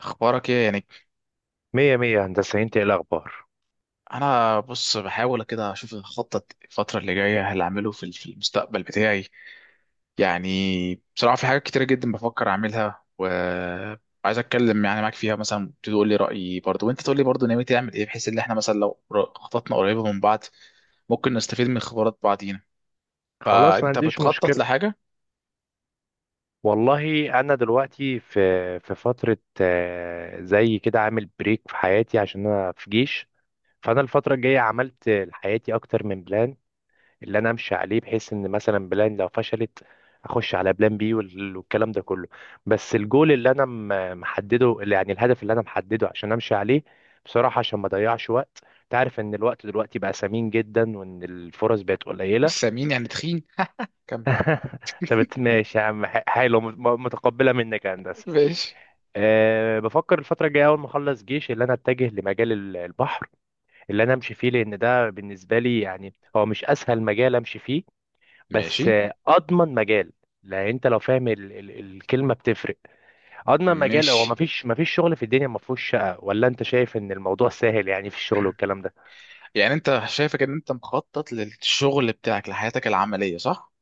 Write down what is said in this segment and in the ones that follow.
اخبارك ايه يعني؟ مية مية يا هندسة، انت ايه الأخبار؟ انا بص بحاول كده اشوف اخطط الفتره اللي جايه هل اعمله في المستقبل بتاعي. يعني بصراحه في حاجات كتيره جدا بفكر اعملها، وعايز اتكلم يعني معاك فيها، مثلا تقول لي رايي برضو، وانت تقول لي برضو ناوي تعمل ايه، بحيث ان احنا مثلا لو خططنا قريبه من بعض ممكن نستفيد من خبرات بعضينا. خلاص ما فانت عنديش بتخطط مشكلة. لحاجه؟ والله أنا دلوقتي في فترة زي كده عامل بريك في حياتي عشان أنا في جيش. فأنا الفترة الجاية عملت لحياتي أكتر من بلان اللي أنا أمشي عليه، بحيث إن مثلا بلان لو فشلت أخش على بلان بي والكلام ده كله. بس الجول اللي أنا محدده، اللي يعني الهدف اللي أنا محدده عشان أمشي عليه بصراحة عشان ما أضيعش وقت. تعرف إن الوقت دلوقتي بقى ثمين جدا وإن الفرص بقت مش قليلة. سمين يعني تخين. كم؟ طب ماشي يا عم، حلو، متقبلة منك يا هندسة. ماشي أه، بفكر الفترة الجاية أول ما أخلص جيش اللي أنا أتجه لمجال البحر اللي أنا أمشي فيه، لأن ده بالنسبة لي يعني هو مش أسهل مجال أمشي فيه، بس ماشي أضمن مجال. لأن أنت لو فاهم ال الكلمة بتفرق. أضمن مجال هو، ماشي. مفيش شغل في الدنيا مفهوش شقة، ولا أنت شايف إن الموضوع سهل يعني في الشغل والكلام ده؟ يعني انت شايفك ان انت مخطط للشغل بتاعك لحياتك العمليه، صح؟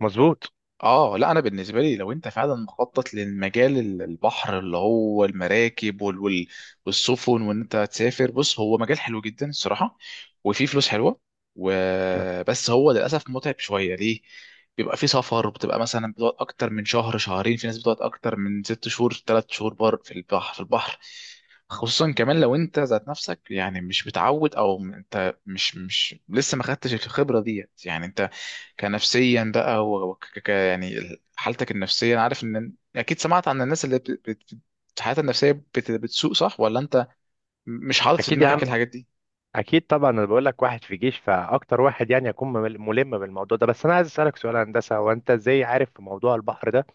مظبوط. اه، لا انا بالنسبه لي لو انت فعلا مخطط للمجال البحر اللي هو المراكب والسفن وان انت تسافر، بص هو مجال حلو جدا الصراحه، وفيه فلوس حلوه. وبس هو للاسف متعب شويه، ليه؟ بيبقى فيه سفر، بتبقى مثلا بتقعد اكتر من شهر شهرين، في ناس بتقعد اكتر من 6 شهور 3 شهور بر في البحر في البحر. خصوصا كمان لو انت ذات نفسك يعني مش متعود، او انت مش لسه ما خدتش الخبره ديت، يعني انت كنفسيا بقى، هو يعني حالتك النفسية. أنا عارف إن أكيد سمعت عن الناس اللي حياتها النفسية بتسوء، صح؟ ولا أنت مش حاطط في أكيد يا دماغك عم، الحاجات دي؟ اكيد طبعا. انا بقول لك واحد في جيش فاكتر واحد يعني يكون ملم بالموضوع ده. بس انا عايز اسالك سؤال يا هندسه، هو انت ازاي عارف في موضوع البحر ده؟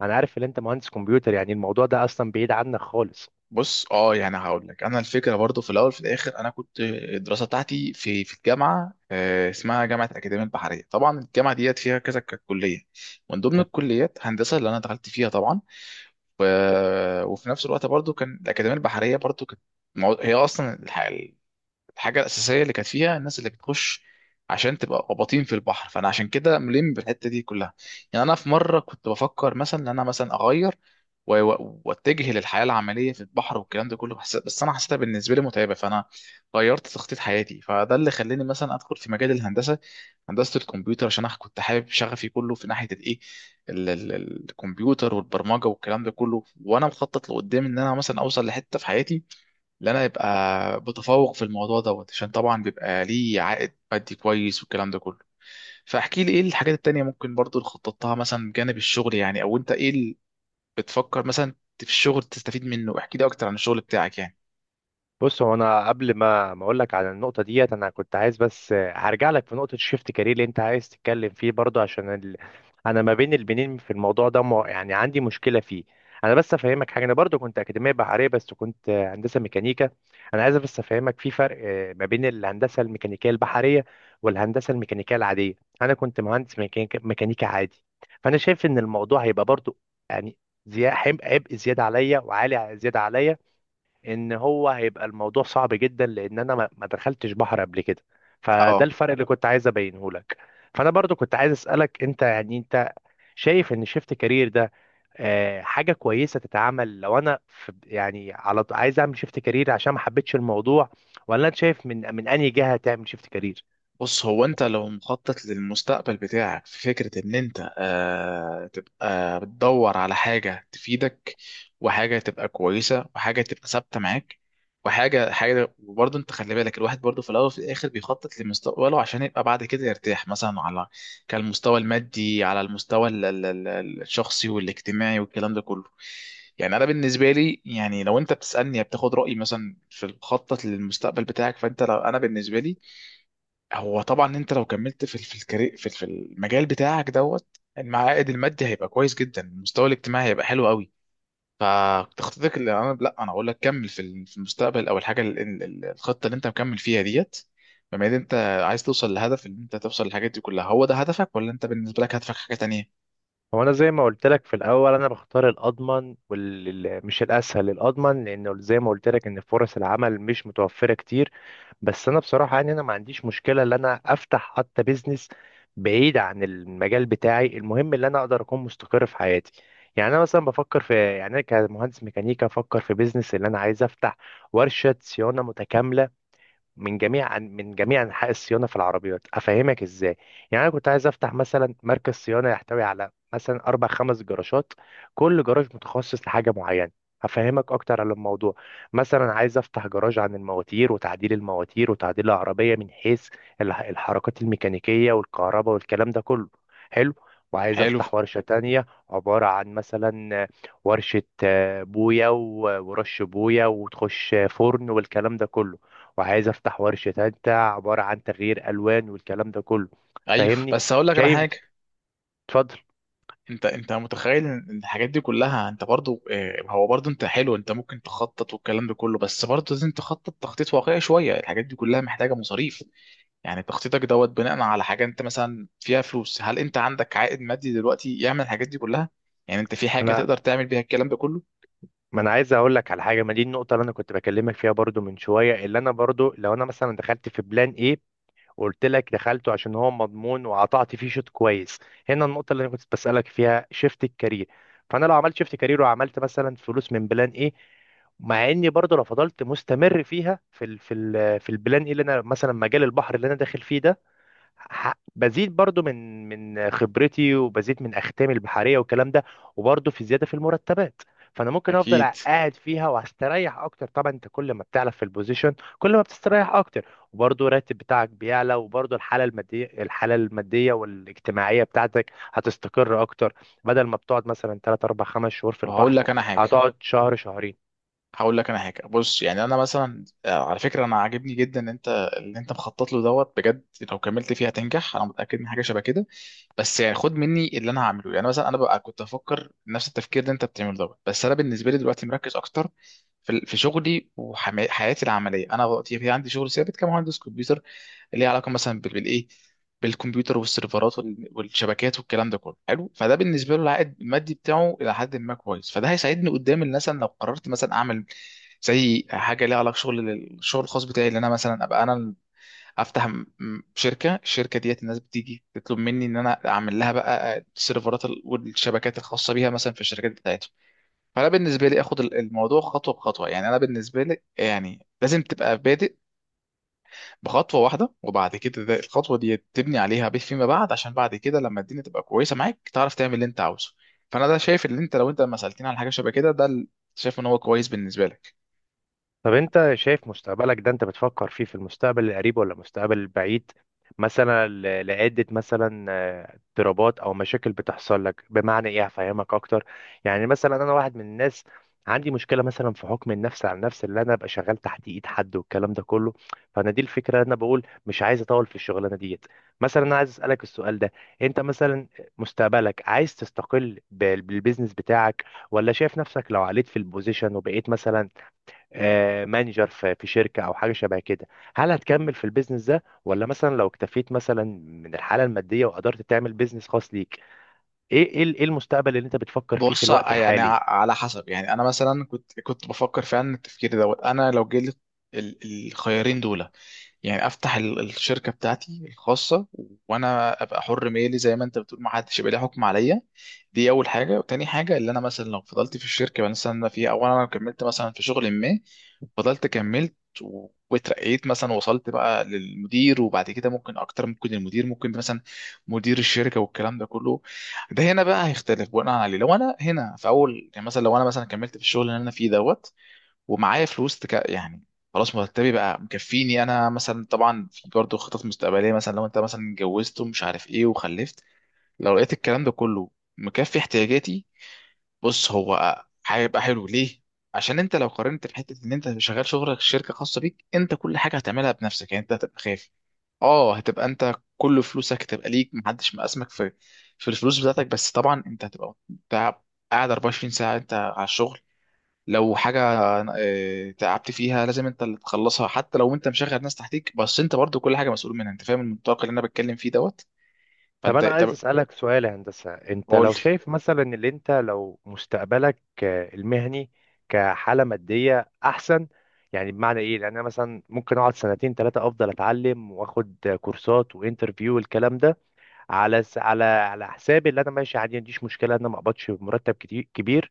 انا عارف ان انت مهندس كمبيوتر، يعني الموضوع ده اصلا بعيد عنك خالص. بص، يعني هقول لك انا الفكره، برضو في الاول في الاخر انا كنت الدراسه بتاعتي في الجامعه، اسمها جامعه اكاديميه البحريه. طبعا الجامعه ديت فيها كذا كليه، من ضمن الكليات هندسه اللي انا دخلت فيها طبعا. و... وفي نفس الوقت برضو كان الاكاديميه البحريه برضو كانت هي اصلا الحاجه الاساسيه اللي كانت فيها الناس اللي بتخش عشان تبقى قباطين في البحر، فانا عشان كده ملم بالحته دي كلها. يعني انا في مره كنت بفكر مثلا ان انا مثلا اغير واتجه للحياه العمليه في البحر والكلام ده كله، بس انا حسيتها بالنسبه لي متعبه، فانا غيرت تخطيط حياتي، فده اللي خلاني مثلا ادخل في مجال الهندسه، هندسه الكمبيوتر، عشان انا كنت حابب شغفي كله في ناحيه الايه، ال- ال- الكمبيوتر والبرمجه والكلام ده كله. وانا مخطط لقدام ان انا مثلا اوصل لحته في حياتي اللي انا يبقى متفوق في الموضوع دوت، عشان طبعا بيبقى ليه عائد مادي كويس والكلام ده كله. فاحكي لي ايه الحاجات التانية ممكن برضو اللي خططتها، مثلا من جانب الشغل، يعني او انت ايه اللي بتفكر مثلا في الشغل تستفيد منه. احكي لي اكتر عن الشغل بتاعك يعني. بص، هو انا قبل ما اقول لك على النقطه ديت، انا كنت عايز بس، هرجع لك في نقطه شيفت كارير اللي انت عايز تتكلم فيه برضه. عشان ال... انا ما بين البنين في الموضوع ده يعني عندي مشكله فيه. انا بس افهمك حاجه، انا برضه كنت اكاديميه بحريه بس كنت هندسه ميكانيكا. انا عايز بس افهمك في فرق ما بين الهندسه الميكانيكيه البحريه والهندسه الميكانيكيه العاديه. انا كنت مهندس ميكانيكا عادي. فانا شايف ان الموضوع هيبقى برضه يعني، عبء، عبء زياده عليا وعالي زياده عليا. ان هو هيبقى الموضوع صعب جدا لان انا ما دخلتش بحر قبل كده. فده اه، الفرق اللي كنت عايز ابينه لك. فانا برضو كنت عايز اسالك، انت يعني انت شايف ان شيفت كارير ده حاجه كويسه تتعمل لو انا في يعني، على عايز اعمل شيفت كارير عشان ما حبيتش الموضوع؟ ولا انت شايف من انهي جهه تعمل شيفت كارير؟ بص هو انت لو مخطط للمستقبل بتاعك، في فكرة ان انت تبقى بتدور على حاجة تفيدك، وحاجة تبقى كويسة، وحاجة تبقى ثابتة معاك، وحاجة. وبرضه انت خلي بالك، الواحد برضه في الاول وفي الاخر بيخطط لمستقبله عشان يبقى بعد كده يرتاح، مثلا على كالمستوى المادي، على المستوى الشخصي والاجتماعي والكلام ده كله. يعني انا بالنسبه لي، يعني لو انت بتسالني بتاخد رايي مثلا في الخطه للمستقبل بتاعك، فانت لو انا بالنسبه لي، هو طبعا انت لو كملت في في الكاري- في في المجال بتاعك دوت، المعائد المادي هيبقى كويس جدا، المستوى الاجتماعي هيبقى حلو قوي. فتخطيطك، اللي انا لا انا اقول لك كمل في في المستقبل، او الحاجه الخطه اللي انت مكمل فيها ديت، بما ان انت عايز توصل لهدف ان انت توصل للحاجات دي كلها. هو ده هدفك ولا انت بالنسبه لك هدفك حاجه تانية؟ هو انا زي ما قلت لك في الاول، انا بختار الاضمن والمش الاسهل، الاضمن لانه زي ما قلت لك ان فرص العمل مش متوفره كتير. بس انا بصراحه يعني انا ما عنديش مشكله ان انا افتح حتى بيزنس بعيد عن المجال بتاعي، المهم ان انا اقدر اكون مستقر في حياتي. يعني انا مثلا بفكر في يعني، انا كمهندس ميكانيكا بفكر في بيزنس اللي انا عايز افتح ورشه صيانه متكامله من جميع انحاء الصيانه في العربيات. افهمك ازاي؟ يعني انا كنت عايز افتح مثلا مركز صيانه يحتوي على مثلا اربع خمس جراشات، كل جراج متخصص لحاجه معينه. هفهمك اكتر على الموضوع. مثلا عايز افتح جراج عن المواتير وتعديل المواتير وتعديل العربيه من حيث الحركات الميكانيكيه والكهرباء والكلام ده كله. حلو. وعايز حلو. افتح ورشه تانية عباره عن مثلا ورشه بويا، ورش بويا وتخش فرن والكلام ده كله. وعايز افتح ورشة تالتة عبارة عن تغيير الوان والكلام ده كله. ايوه، فاهمني؟ بس هقول لك انا شايف؟ حاجه. اتفضل. انت متخيل ان الحاجات دي كلها انت برضو، هو برضو انت حلو، انت ممكن تخطط والكلام ده كله، بس برضو لازم تخطط تخطيط واقعي شويه. الحاجات دي كلها محتاجه مصاريف. يعني تخطيطك دوت بناء على حاجه، انت مثلا فيها فلوس؟ هل انت عندك عائد مادي دلوقتي يعمل الحاجات دي كلها؟ يعني انت في حاجه انا، تقدر تعمل بيها الكلام ده كله؟ ما انا عايز اقول لك على حاجه. ما دي النقطه اللي انا كنت بكلمك فيها برضو من شويه، اللي انا برضو لو انا مثلا دخلت في بلان ايه وقلت لك دخلته عشان هو مضمون وقطعت فيه شوط كويس. هنا النقطه اللي انا كنت بسالك فيها شيفت الكارير. فانا لو عملت شيفت كارير وعملت مثلا فلوس من بلان ايه، مع اني برضو لو فضلت مستمر فيها في ال في ال في البلان ايه اللي انا مثلا مجال البحر اللي انا داخل فيه ده، بزيد برضو من خبرتي وبزيد من اختامي البحريه والكلام ده، وبرضو في زياده في المرتبات. فانا ممكن افضل اكيد. قاعد فيها وهستريح اكتر. طبعا انت كل ما بتعلى في البوزيشن كل ما بتستريح اكتر، وبرضو الراتب بتاعك بيعلى، وبرضو الحاله الماديه والاجتماعيه بتاعتك هتستقر اكتر. بدل ما بتقعد مثلا 3 4 5 شهور في طب البحر، هتقعد شهر شهرين. هقول لك انا حاجه. بص، يعني انا مثلا على فكره انا عاجبني جدا ان انت اللي انت مخطط له دوت بجد. لو كملت فيه هتنجح، انا متاكد من حاجه شبه كده. بس يعني خد مني اللي انا هعمله. يعني مثلا انا ببقى كنت افكر نفس التفكير اللي انت بتعمله دوت، بس انا بالنسبه لي دلوقتي مركز اكتر في شغلي وحياتي العمليه. انا دلوقتي في عندي شغل ثابت كمهندس كمبيوتر، اللي هي علاقه مثلا بالايه، بالكمبيوتر والسيرفرات والشبكات والكلام ده كله، حلو. فده بالنسبه له العائد المادي بتاعه الى حد ما كويس، فده هيساعدني قدام الناس. أنا لو قررت مثلا اعمل زي حاجه ليها علاقه الشغل الخاص بتاعي، اللي انا مثلا ابقى انا افتح الشركه ديت، الناس بتيجي تطلب مني ان انا اعمل لها بقى السيرفرات والشبكات الخاصه بيها مثلا في الشركات بتاعتهم. فانا بالنسبه لي اخد الموضوع خطوه بخطوه. يعني انا بالنسبه لي يعني لازم تبقى بادئ بخطوه واحده، وبعد كده ده الخطوه دي تبني عليها بيت فيما بعد، عشان بعد كده لما الدنيا تبقى كويسه معاك تعرف تعمل اللي انت عاوزه. فانا ده شايف ان انت لو انت لما سالتني على حاجه شبه كده، ده شايف ان هو كويس بالنسبه لك. طب انت شايف مستقبلك ده انت بتفكر فيه في المستقبل القريب ولا المستقبل البعيد؟ مثلا لعدة مثلا اضطرابات او مشاكل بتحصل لك. بمعنى ايه؟ هفهمك اكتر. يعني مثلا انا واحد من الناس عندي مشكلة مثلا في حكم النفس على النفس، اللي انا ابقى شغال تحت ايد حد والكلام ده كله. فانا دي الفكرة، انا بقول مش عايز اطول في الشغلانة ديت. مثلا انا عايز اسألك السؤال ده، انت مثلا مستقبلك عايز تستقل بالبيزنس بتاعك، ولا شايف نفسك لو عليت في البوزيشن وبقيت مثلا مانجر في في شركة أو حاجة شبه كده؟ هل هتكمل في البيزنس ده، ولا مثلا لو اكتفيت مثلا من الحالة المادية وقدرت تعمل بيزنس خاص ليك؟ إيه المستقبل اللي أنت بتفكر فيه في بص، الوقت يعني الحالي؟ على حسب. يعني انا مثلا كنت بفكر فعلا التفكير دوت. انا لو جالي ال- الخيارين دول، يعني افتح الشركه بتاعتي الخاصه، وانا ابقى حر مالي زي ما انت بتقول، ما حدش يبقى ليه حكم عليا، دي اول حاجه. وتاني حاجه اللي انا مثلا لو فضلت في الشركه مثلا انا فيها، او انا كملت مثلا في شغل ما، فضلت كملت واترقيت مثلا، وصلت بقى للمدير، وبعد كده ممكن اكتر، ممكن المدير، ممكن مثلا مدير الشركه والكلام ده كله. ده هنا بقى هيختلف بناء عليه. لو انا هنا في اول، يعني مثلا لو انا مثلا كملت في الشغل اللي انا فيه دوت، ومعايا فلوس يعني، خلاص مرتبي بقى مكفيني انا مثلا، طبعا في برضه خطط مستقبليه مثلا لو انت مثلا اتجوزت ومش عارف ايه وخلفت، لو لقيت الكلام ده كله مكفي احتياجاتي. بص هو هيبقى حلو ليه؟ عشان انت لو قارنت في حته ان انت شغال شغلك في شركه خاصه بيك انت، كل حاجه هتعملها بنفسك، يعني انت هتبقى خايف. اه، هتبقى انت كل فلوسك هتبقى ليك، محدش مقاسمك في الفلوس بتاعتك، بس طبعا انت هتبقى أنت قاعد 24 ساعه انت على الشغل. لو حاجة تعبت فيها لازم انت اللي تخلصها حتى لو انت مشغل ناس تحتيك، بس انت برضو كل حاجة مسؤول منها انت، فاهم المنطلق اللي انا بتكلم فيه دوت؟ طب فانت انا عايز طب. اسالك سؤال يا هندسه، انت قول لي. لو شايف مثلا ان انت لو مستقبلك المهني كحاله ماديه احسن. يعني بمعنى ايه؟ لان انا مثلا ممكن اقعد 2 3 افضل اتعلم واخد كورسات وانترفيو والكلام ده، على على على حسابي اللي انا ماشي عادي، ما عنديش مشكله ان انا ما اقبضش مرتب كتير كبير،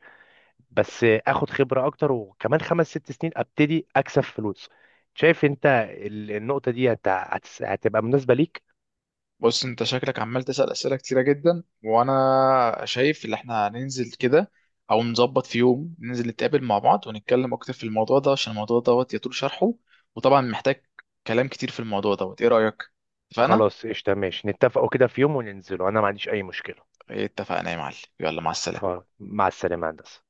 بس اخد خبره اكتر. وكمان 5 6 سنين ابتدي اكسب فلوس. شايف انت النقطه دي هتبقى مناسبه ليك؟ بص انت شكلك عمال تسأل أسئلة كتيرة جدا، وانا شايف ان احنا هننزل كده، او نظبط في يوم ننزل نتقابل مع بعض ونتكلم اكتر في الموضوع ده، عشان الموضوع دوت يطول شرحه، وطبعا محتاج كلام كتير في الموضوع دوت. ايه رأيك؟ اتفقنا؟ خلاص قشطة، ماشي نتفقوا كده في يوم وننزلوا، أنا ما عنديش أي مشكلة. اتفقنا يا معلم، يلا مع السلامة. خلاص، مع السلامة يا هندسة.